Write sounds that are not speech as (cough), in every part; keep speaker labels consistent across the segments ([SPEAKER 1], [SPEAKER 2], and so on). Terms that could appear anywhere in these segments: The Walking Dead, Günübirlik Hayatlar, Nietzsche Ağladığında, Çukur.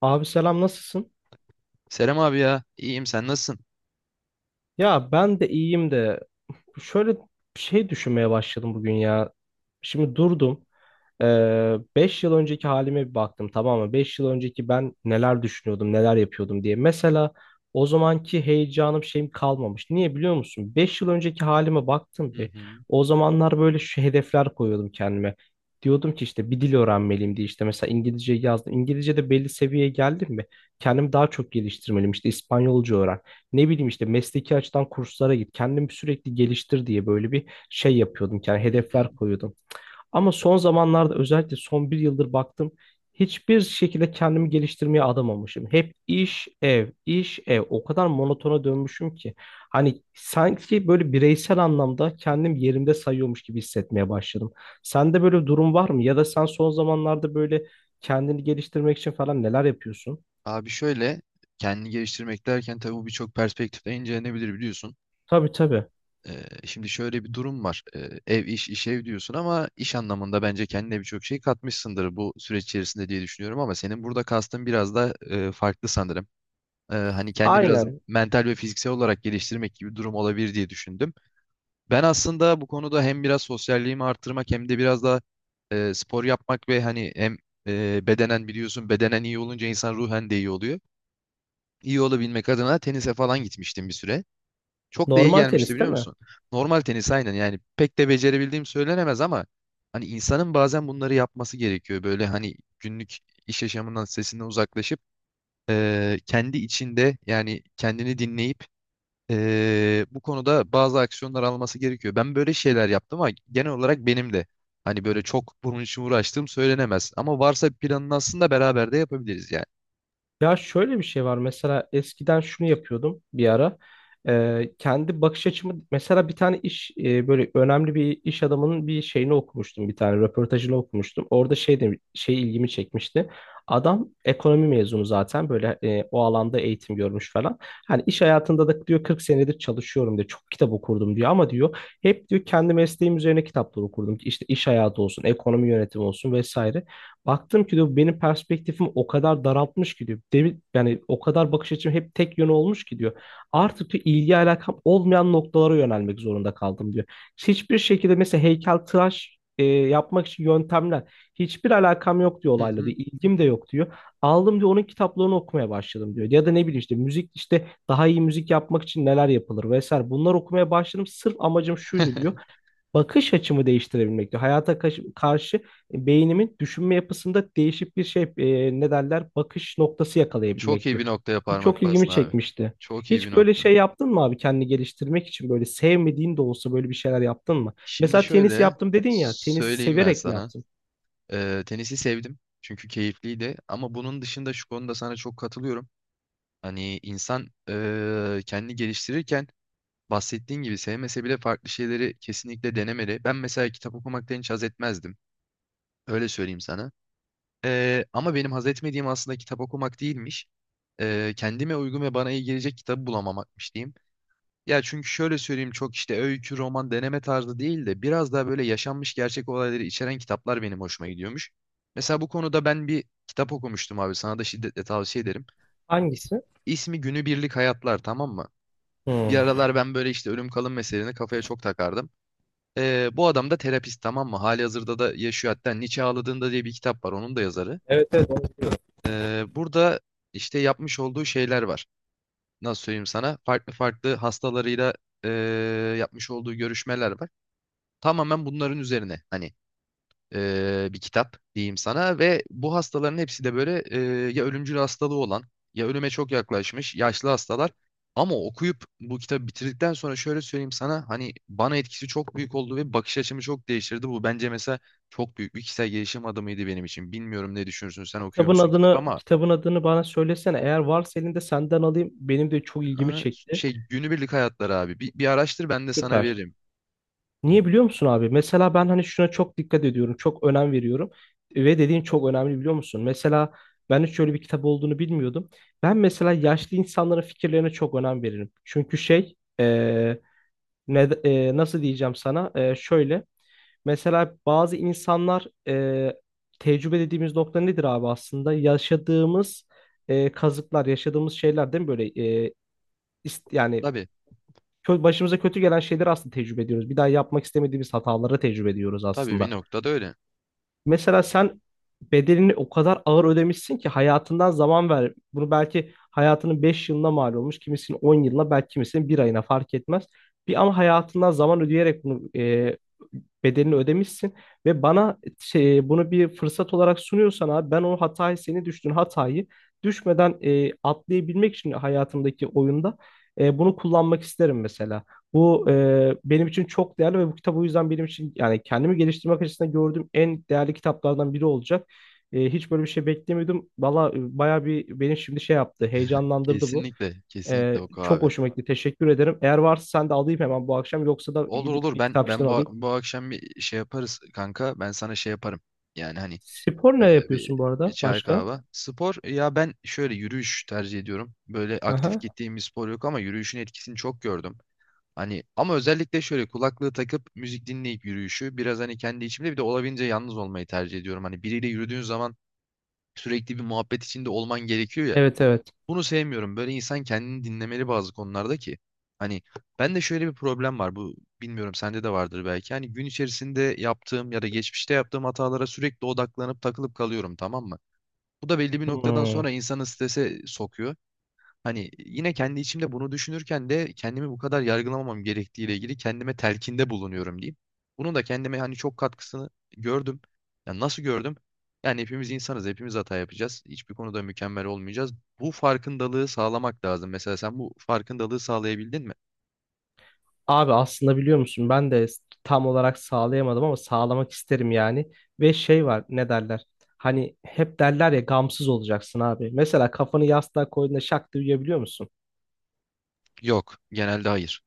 [SPEAKER 1] Abi selam nasılsın?
[SPEAKER 2] Serem abi ya, iyiyim sen nasılsın?
[SPEAKER 1] Ya ben de iyiyim de şöyle bir şey düşünmeye başladım bugün ya. Şimdi durdum. Ee, 5 yıl önceki halime bir baktım, tamam mı? 5 yıl önceki ben neler düşünüyordum, neler yapıyordum diye. Mesela o zamanki heyecanım şeyim kalmamış. Niye biliyor musun? 5 yıl önceki halime baktım
[SPEAKER 2] Hı
[SPEAKER 1] bir.
[SPEAKER 2] hı,
[SPEAKER 1] O zamanlar böyle şu hedefler koyuyordum kendime. Diyordum ki işte bir dil öğrenmeliyim diye, işte mesela İngilizce yazdım. İngilizce'de belli seviyeye geldim mi? Kendimi daha çok geliştirmeliyim. İşte İspanyolca öğren. Ne bileyim işte mesleki açıdan kurslara git. Kendimi sürekli geliştir diye böyle bir şey yapıyordum. Yani
[SPEAKER 2] hı hı.
[SPEAKER 1] hedefler koyuyordum. Ama son zamanlarda, özellikle son bir yıldır baktım. Hiçbir şekilde kendimi geliştirmeye adamamışım. Hep iş, ev, iş, ev. O kadar monotona dönmüşüm ki. Hani sanki böyle bireysel anlamda kendim yerimde sayıyormuş gibi hissetmeye başladım. Sende böyle bir durum var mı? Ya da sen son zamanlarda böyle kendini geliştirmek için falan neler yapıyorsun?
[SPEAKER 2] Abi şöyle, kendini geliştirmek derken tabii bu birçok perspektifle incelenebilir biliyorsun.
[SPEAKER 1] Tabii, tabii.
[SPEAKER 2] Şimdi şöyle bir durum var. Ev iş, iş ev diyorsun ama iş anlamında bence kendine birçok şey katmışsındır bu süreç içerisinde diye düşünüyorum ama senin burada kastın biraz da farklı sanırım. Hani kendini biraz
[SPEAKER 1] Aynen.
[SPEAKER 2] mental ve fiziksel olarak geliştirmek gibi bir durum olabilir diye düşündüm. Ben aslında bu konuda hem biraz sosyalliğimi arttırmak hem de biraz da spor yapmak ve hani hem bedenen biliyorsun bedenen iyi olunca insan ruhen de iyi oluyor. İyi olabilmek adına tenise falan gitmiştim bir süre. Çok da iyi
[SPEAKER 1] Normal
[SPEAKER 2] gelmişti
[SPEAKER 1] tenis değil
[SPEAKER 2] biliyor
[SPEAKER 1] mi?
[SPEAKER 2] musun? Normal tenis aynen yani pek de becerebildiğim söylenemez ama hani insanın bazen bunları yapması gerekiyor. Böyle hani günlük iş yaşamından sesinden uzaklaşıp kendi içinde yani kendini dinleyip bu konuda bazı aksiyonlar alması gerekiyor. Ben böyle şeyler yaptım ama genel olarak benim de hani böyle çok bunun için uğraştığım söylenemez. Ama varsa bir planını aslında beraber de yapabiliriz yani.
[SPEAKER 1] Ya şöyle bir şey var, mesela eskiden şunu yapıyordum bir ara. Kendi bakış açımı, mesela bir tane iş böyle önemli bir iş adamının bir şeyini okumuştum, bir tane röportajını okumuştum, orada şey de şey ilgimi çekmişti. Adam ekonomi mezunu zaten, böyle o alanda eğitim görmüş falan. Hani iş hayatında da diyor 40 senedir çalışıyorum diyor, çok kitap okurdum diyor, ama diyor hep diyor kendi mesleğim üzerine kitaplar okurdum, işte iş hayatı olsun, ekonomi yönetimi olsun, vesaire. Baktım ki diyor benim perspektifimi o kadar daraltmış ki diyor. Yani o kadar bakış açım hep tek yön olmuş ki diyor. Artık diyor ilgi alakam olmayan noktalara yönelmek zorunda kaldım diyor. Hiçbir şekilde mesela heykeltıraş yapmak için yöntemler, hiçbir alakam yok diyor
[SPEAKER 2] Hı
[SPEAKER 1] olayla diyor.
[SPEAKER 2] hı.
[SPEAKER 1] İlgim de yok diyor. Aldım diyor, onun kitaplarını okumaya başladım diyor. Ya da ne bileyim, işte müzik, işte daha iyi müzik yapmak için neler yapılır vesaire. Bunlar okumaya başladım. Sırf amacım şuydu diyor,
[SPEAKER 2] (laughs)
[SPEAKER 1] bakış açımı değiştirebilmek diyor. Hayata karşı beynimin düşünme yapısında değişik bir şey, ne derler, bakış noktası
[SPEAKER 2] Çok
[SPEAKER 1] yakalayabilmek
[SPEAKER 2] iyi
[SPEAKER 1] diyor.
[SPEAKER 2] bir noktaya
[SPEAKER 1] Bu çok
[SPEAKER 2] parmak
[SPEAKER 1] ilgimi
[SPEAKER 2] bastın abi.
[SPEAKER 1] çekmişti.
[SPEAKER 2] Çok iyi bir
[SPEAKER 1] Hiç böyle
[SPEAKER 2] nokta.
[SPEAKER 1] şey yaptın mı abi, kendini geliştirmek için böyle sevmediğin de olsa böyle bir şeyler yaptın mı?
[SPEAKER 2] Şimdi
[SPEAKER 1] Mesela tenis
[SPEAKER 2] şöyle
[SPEAKER 1] yaptım dedin ya, tenis
[SPEAKER 2] söyleyeyim ben
[SPEAKER 1] severek mi
[SPEAKER 2] sana.
[SPEAKER 1] yaptın?
[SPEAKER 2] Tenisi sevdim çünkü keyifliydi ama bunun dışında şu konuda sana çok katılıyorum. Hani insan kendini geliştirirken bahsettiğin gibi sevmese bile farklı şeyleri kesinlikle denemeli. Ben mesela kitap okumaktan hiç haz etmezdim. Öyle söyleyeyim sana. Ama benim haz etmediğim aslında kitap okumak değilmiş. Kendime uygun ve bana iyi gelecek kitabı bulamamakmış diyeyim. Ya çünkü şöyle söyleyeyim çok işte öykü, roman, deneme tarzı değil de biraz daha böyle yaşanmış gerçek olayları içeren kitaplar benim hoşuma gidiyormuş. Mesela bu konuda ben bir kitap okumuştum abi sana da şiddetle tavsiye ederim. İs-
[SPEAKER 1] Hangisi?
[SPEAKER 2] İsmi Günübirlik Hayatlar, tamam mı? Bir
[SPEAKER 1] Hmm.
[SPEAKER 2] aralar ben böyle işte ölüm kalım meselelerini kafaya çok takardım. Bu adam da terapist, tamam mı? Hali hazırda da yaşıyor, hatta Nietzsche Ağladığında diye bir kitap var, onun da yazarı.
[SPEAKER 1] Evet, evet, onu biliyorum.
[SPEAKER 2] Burada işte yapmış olduğu şeyler var. Nasıl söyleyeyim sana? Farklı farklı hastalarıyla e, yapmış olduğu görüşmeler var. Tamamen bunların üzerine hani bir kitap diyeyim sana ve bu hastaların hepsi de böyle ya ölümcül hastalığı olan ya ölüme çok yaklaşmış yaşlı hastalar. Ama okuyup bu kitabı bitirdikten sonra şöyle söyleyeyim sana, hani bana etkisi çok büyük oldu ve bakış açımı çok değiştirdi. Bu bence mesela çok büyük bir kişisel gelişim adımıydı benim için. Bilmiyorum ne düşünürsün, sen okuyor
[SPEAKER 1] Kitabın
[SPEAKER 2] musun kitap
[SPEAKER 1] adını,
[SPEAKER 2] ama
[SPEAKER 1] bana söylesene. Eğer varsa elinde, senden alayım. Benim de çok ilgimi
[SPEAKER 2] ha,
[SPEAKER 1] çekti.
[SPEAKER 2] şey günübirlik hayatları abi bir araştır, ben de sana
[SPEAKER 1] Süper.
[SPEAKER 2] veririm. Hı hı.
[SPEAKER 1] Niye biliyor musun abi? Mesela ben hani şuna çok dikkat ediyorum, çok önem veriyorum ve dediğin çok önemli, biliyor musun? Mesela ben hiç öyle bir kitap olduğunu bilmiyordum. Ben mesela yaşlı insanların fikirlerine çok önem veririm. Çünkü şey, ne, nasıl diyeceğim sana? Şöyle, mesela bazı insanlar tecrübe dediğimiz nokta nedir abi aslında? Yaşadığımız kazıklar, yaşadığımız şeyler, değil mi böyle? E, yani
[SPEAKER 2] Tabii,
[SPEAKER 1] başımıza kötü gelen şeyleri aslında tecrübe ediyoruz. Bir daha yapmak istemediğimiz hataları tecrübe ediyoruz
[SPEAKER 2] tabii bir
[SPEAKER 1] aslında.
[SPEAKER 2] noktada öyle.
[SPEAKER 1] Mesela sen bedelini o kadar ağır ödemişsin ki hayatından zaman ver. Bunu belki hayatının 5 yılına mal olmuş, kimisinin 10 yılına, belki kimisinin bir ayına, fark etmez. Bir ama hayatından zaman ödeyerek bunu bedelini ödemişsin ve bana şey, bunu bir fırsat olarak sunuyorsan, abi ben o hatayı, senin düştüğün hatayı düşmeden atlayabilmek için hayatımdaki oyunda bunu kullanmak isterim mesela. Bu benim için çok değerli ve bu kitap o yüzden benim için, yani kendimi geliştirmek açısından gördüğüm en değerli kitaplardan biri olacak. Hiç böyle bir şey beklemiyordum. Valla bayağı bir beni şimdi şey yaptı, heyecanlandırdı bu.
[SPEAKER 2] Kesinlikle, kesinlikle oku
[SPEAKER 1] Çok
[SPEAKER 2] abi.
[SPEAKER 1] hoşuma gitti. Teşekkür ederim. Eğer varsa sen de alayım hemen bu akşam. Yoksa da
[SPEAKER 2] Olur
[SPEAKER 1] gidip
[SPEAKER 2] olur,
[SPEAKER 1] bir
[SPEAKER 2] ben
[SPEAKER 1] kitapçıdan
[SPEAKER 2] ben bu,
[SPEAKER 1] alayım.
[SPEAKER 2] tamam, bu akşam bir şey yaparız kanka. Ben sana şey yaparım. Yani hani
[SPEAKER 1] Spor
[SPEAKER 2] e,
[SPEAKER 1] ne
[SPEAKER 2] bir,
[SPEAKER 1] yapıyorsun bu
[SPEAKER 2] bir
[SPEAKER 1] arada?
[SPEAKER 2] çay
[SPEAKER 1] Başka?
[SPEAKER 2] kahve. Spor ya, ben şöyle yürüyüş tercih ediyorum. Böyle aktif
[SPEAKER 1] Aha.
[SPEAKER 2] gittiğim bir spor yok ama yürüyüşün etkisini çok gördüm. Hani ama özellikle şöyle kulaklığı takıp müzik dinleyip yürüyüşü biraz hani kendi içimde bir de olabildiğince yalnız olmayı tercih ediyorum. Hani biriyle yürüdüğün zaman sürekli bir muhabbet içinde olman gerekiyor ya.
[SPEAKER 1] Evet, evet.
[SPEAKER 2] Bunu sevmiyorum. Böyle insan kendini dinlemeli bazı konularda ki. Hani ben de şöyle bir problem var. Bu, bilmiyorum sende de vardır belki. Hani gün içerisinde yaptığım ya da geçmişte yaptığım hatalara sürekli odaklanıp takılıp kalıyorum, tamam mı? Bu da belli bir noktadan
[SPEAKER 1] Hmm.
[SPEAKER 2] sonra insanı strese sokuyor. Hani yine kendi içimde bunu düşünürken de kendimi bu kadar yargılamamam gerektiğiyle ilgili kendime telkinde bulunuyorum diyeyim. Bunun da kendime hani çok katkısını gördüm. Ya nasıl gördüm? Yani hepimiz insanız, hepimiz hata yapacağız. Hiçbir konuda mükemmel olmayacağız. Bu farkındalığı sağlamak lazım. Mesela sen bu farkındalığı sağlayabildin mi?
[SPEAKER 1] Abi aslında biliyor musun, ben de tam olarak sağlayamadım ama sağlamak isterim yani. Ve şey var, ne derler? Hani hep derler ya, gamsız olacaksın abi. Mesela kafanı yastığa koyduğunda şak diye uyuyabiliyor musun?
[SPEAKER 2] Yok, genelde hayır.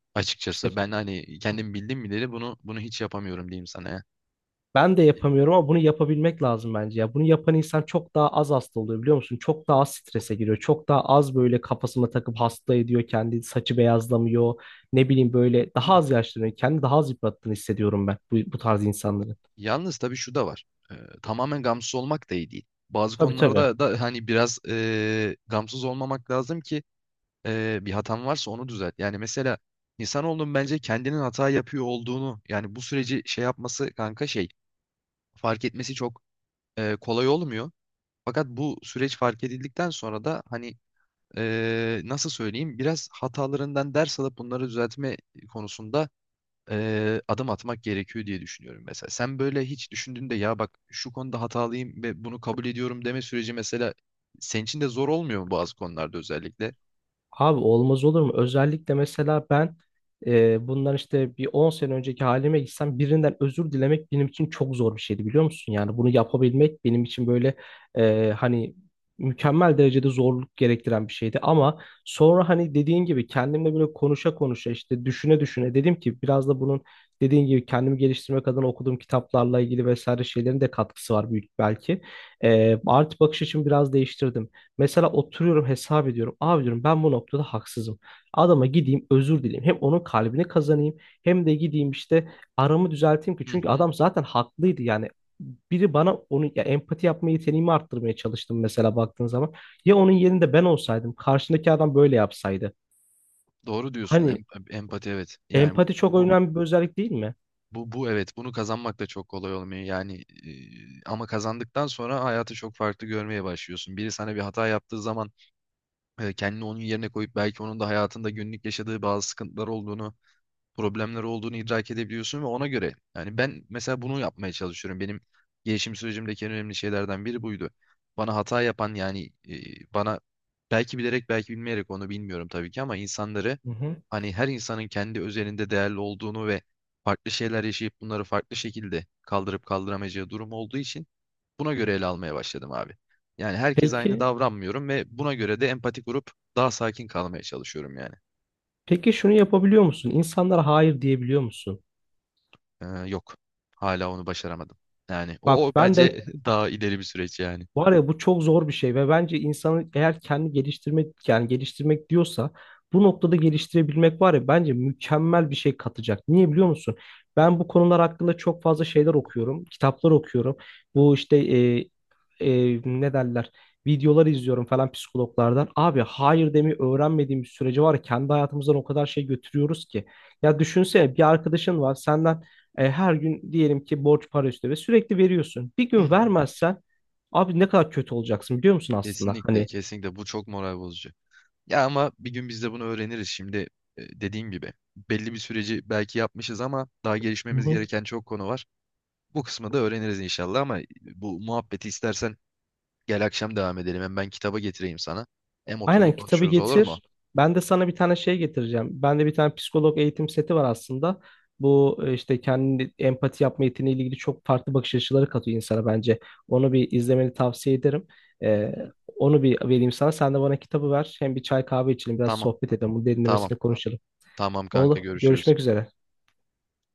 [SPEAKER 1] İşte
[SPEAKER 2] Açıkçası ben hani kendim bildim bileli bunu hiç yapamıyorum diyeyim sana ya.
[SPEAKER 1] ben de yapamıyorum ama bunu yapabilmek lazım bence ya. Bunu yapan insan çok daha az hasta oluyor, biliyor musun? Çok daha az strese giriyor. Çok daha az böyle kafasına takıp hasta ediyor kendi, saçı beyazlamıyor. Ne bileyim, böyle
[SPEAKER 2] Hı
[SPEAKER 1] daha az
[SPEAKER 2] hı.
[SPEAKER 1] yaşlanıyor. Kendi daha az yıprattığını hissediyorum ben bu tarz insanların.
[SPEAKER 2] Yalnız tabii şu da var. Ee, Tamamen gamsız olmak da iyi değil. Bazı
[SPEAKER 1] Tabii, tabii.
[SPEAKER 2] konularda da hani biraz gamsız olmamak lazım ki bir hatan varsa onu düzelt. Yani mesela insanoğlunun bence kendinin hata yapıyor olduğunu yani bu süreci şey yapması kanka şey fark etmesi çok kolay olmuyor. Fakat bu süreç fark edildikten sonra da hani nasıl söyleyeyim biraz hatalarından ders alıp bunları düzeltme konusunda adım atmak gerekiyor diye düşünüyorum mesela. Sen böyle hiç düşündüğünde ya bak şu konuda hatalıyım ve bunu kabul ediyorum deme süreci mesela senin için de zor olmuyor mu bazı konularda özellikle?
[SPEAKER 1] Abi olmaz olur mu? Özellikle mesela ben bundan işte bir 10 sene önceki halime gitsem birinden özür dilemek benim için çok zor bir şeydi, biliyor musun? Yani bunu yapabilmek benim için böyle hani mükemmel derecede zorluk gerektiren bir şeydi. Ama sonra hani dediğin gibi kendimle böyle konuşa konuşa, işte düşüne düşüne dedim ki biraz da bunun, dediğin gibi kendimi geliştirmek adına okuduğum kitaplarla ilgili vesaire şeylerin de katkısı var büyük belki. Artı bakış açımı biraz değiştirdim. Mesela oturuyorum, hesap ediyorum. Abi diyorum, ben bu noktada haksızım. Adama gideyim, özür dileyim. Hem onun kalbini kazanayım, hem de gideyim işte aramı düzelteyim ki.
[SPEAKER 2] Hı
[SPEAKER 1] Çünkü
[SPEAKER 2] hı.
[SPEAKER 1] adam zaten haklıydı yani. Biri bana onu, ya empati yapma yeteneğimi arttırmaya çalıştım mesela, baktığın zaman. Ya onun yerinde ben olsaydım, karşındaki adam böyle yapsaydı.
[SPEAKER 2] Doğru diyorsun.
[SPEAKER 1] Hani
[SPEAKER 2] Empati evet. Yani bu,
[SPEAKER 1] empati çok
[SPEAKER 2] bu bu
[SPEAKER 1] önemli bir özellik, değil mi?
[SPEAKER 2] bu bu evet bunu kazanmak da çok kolay olmuyor. Yani ama kazandıktan sonra hayatı çok farklı görmeye başlıyorsun. Biri sana bir hata yaptığı zaman kendini onun yerine koyup belki onun da hayatında günlük yaşadığı bazı sıkıntılar olduğunu problemler olduğunu idrak edebiliyorsun ve ona göre yani ben mesela bunu yapmaya çalışıyorum. Benim gelişim sürecimdeki en önemli şeylerden biri buydu. Bana hata yapan yani bana belki bilerek belki bilmeyerek onu bilmiyorum tabii ki ama insanları
[SPEAKER 1] Hı hı.
[SPEAKER 2] hani her insanın kendi özelinde değerli olduğunu ve farklı şeyler yaşayıp bunları farklı şekilde kaldırıp kaldıramayacağı durum olduğu için buna göre ele almaya başladım abi. Yani herkes aynı
[SPEAKER 1] Peki,
[SPEAKER 2] davranmıyorum ve buna göre de empati kurup daha sakin kalmaya çalışıyorum yani.
[SPEAKER 1] peki şunu yapabiliyor musun? İnsanlara hayır diyebiliyor musun?
[SPEAKER 2] Yok. Hala onu başaramadım. Yani o, o
[SPEAKER 1] Bak ben de
[SPEAKER 2] bence (laughs) daha ileri bir süreç yani.
[SPEAKER 1] Var ya, bu çok zor bir şey ve bence insanı, eğer kendi geliştirmek, yani geliştirmek diyorsa bu noktada geliştirebilmek, var ya bence mükemmel bir şey katacak. Niye biliyor musun? Ben bu konular hakkında çok fazla şeyler okuyorum, kitaplar okuyorum. Bu işte ne derler? Videolar izliyorum falan, psikologlardan. Abi hayır demeyi öğrenmediğim bir sürece, var ya, kendi hayatımızdan o kadar şey götürüyoruz ki. Ya düşünsene, bir arkadaşın var senden her gün diyelim ki borç para istiyor ve sürekli veriyorsun. Bir
[SPEAKER 2] Hı
[SPEAKER 1] gün
[SPEAKER 2] hı.
[SPEAKER 1] vermezsen, abi ne kadar kötü olacaksın biliyor musun aslında?
[SPEAKER 2] Kesinlikle,
[SPEAKER 1] Hani.
[SPEAKER 2] kesinlikle bu çok moral bozucu. Ya ama bir gün biz de bunu öğreniriz. Şimdi dediğim gibi belli bir süreci belki yapmışız ama daha
[SPEAKER 1] Hı
[SPEAKER 2] gelişmemiz
[SPEAKER 1] hı.
[SPEAKER 2] gereken çok konu var. Bu kısmı da öğreniriz inşallah ama bu muhabbeti istersen gel akşam devam edelim. Hem ben kitaba getireyim sana. Hem oturur
[SPEAKER 1] Aynen, kitabı
[SPEAKER 2] konuşuruz olur
[SPEAKER 1] getir.
[SPEAKER 2] mu?
[SPEAKER 1] Ben de sana bir tane şey getireceğim. Bende bir tane psikolog eğitim seti var aslında. Bu işte kendi empati yapma yeteneğiyle ilgili çok farklı bakış açıları katıyor insana bence. Onu bir izlemeni tavsiye ederim.
[SPEAKER 2] Hı
[SPEAKER 1] Ee,
[SPEAKER 2] hı.
[SPEAKER 1] Onu bir vereyim sana. Sen de bana kitabı ver. Hem bir çay kahve içelim, biraz
[SPEAKER 2] Tamam,
[SPEAKER 1] sohbet edelim. Bunu
[SPEAKER 2] tamam.
[SPEAKER 1] derinlemesine konuşalım.
[SPEAKER 2] Tamam kanka,
[SPEAKER 1] Oğlum,
[SPEAKER 2] görüşürüz.
[SPEAKER 1] görüşmek üzere.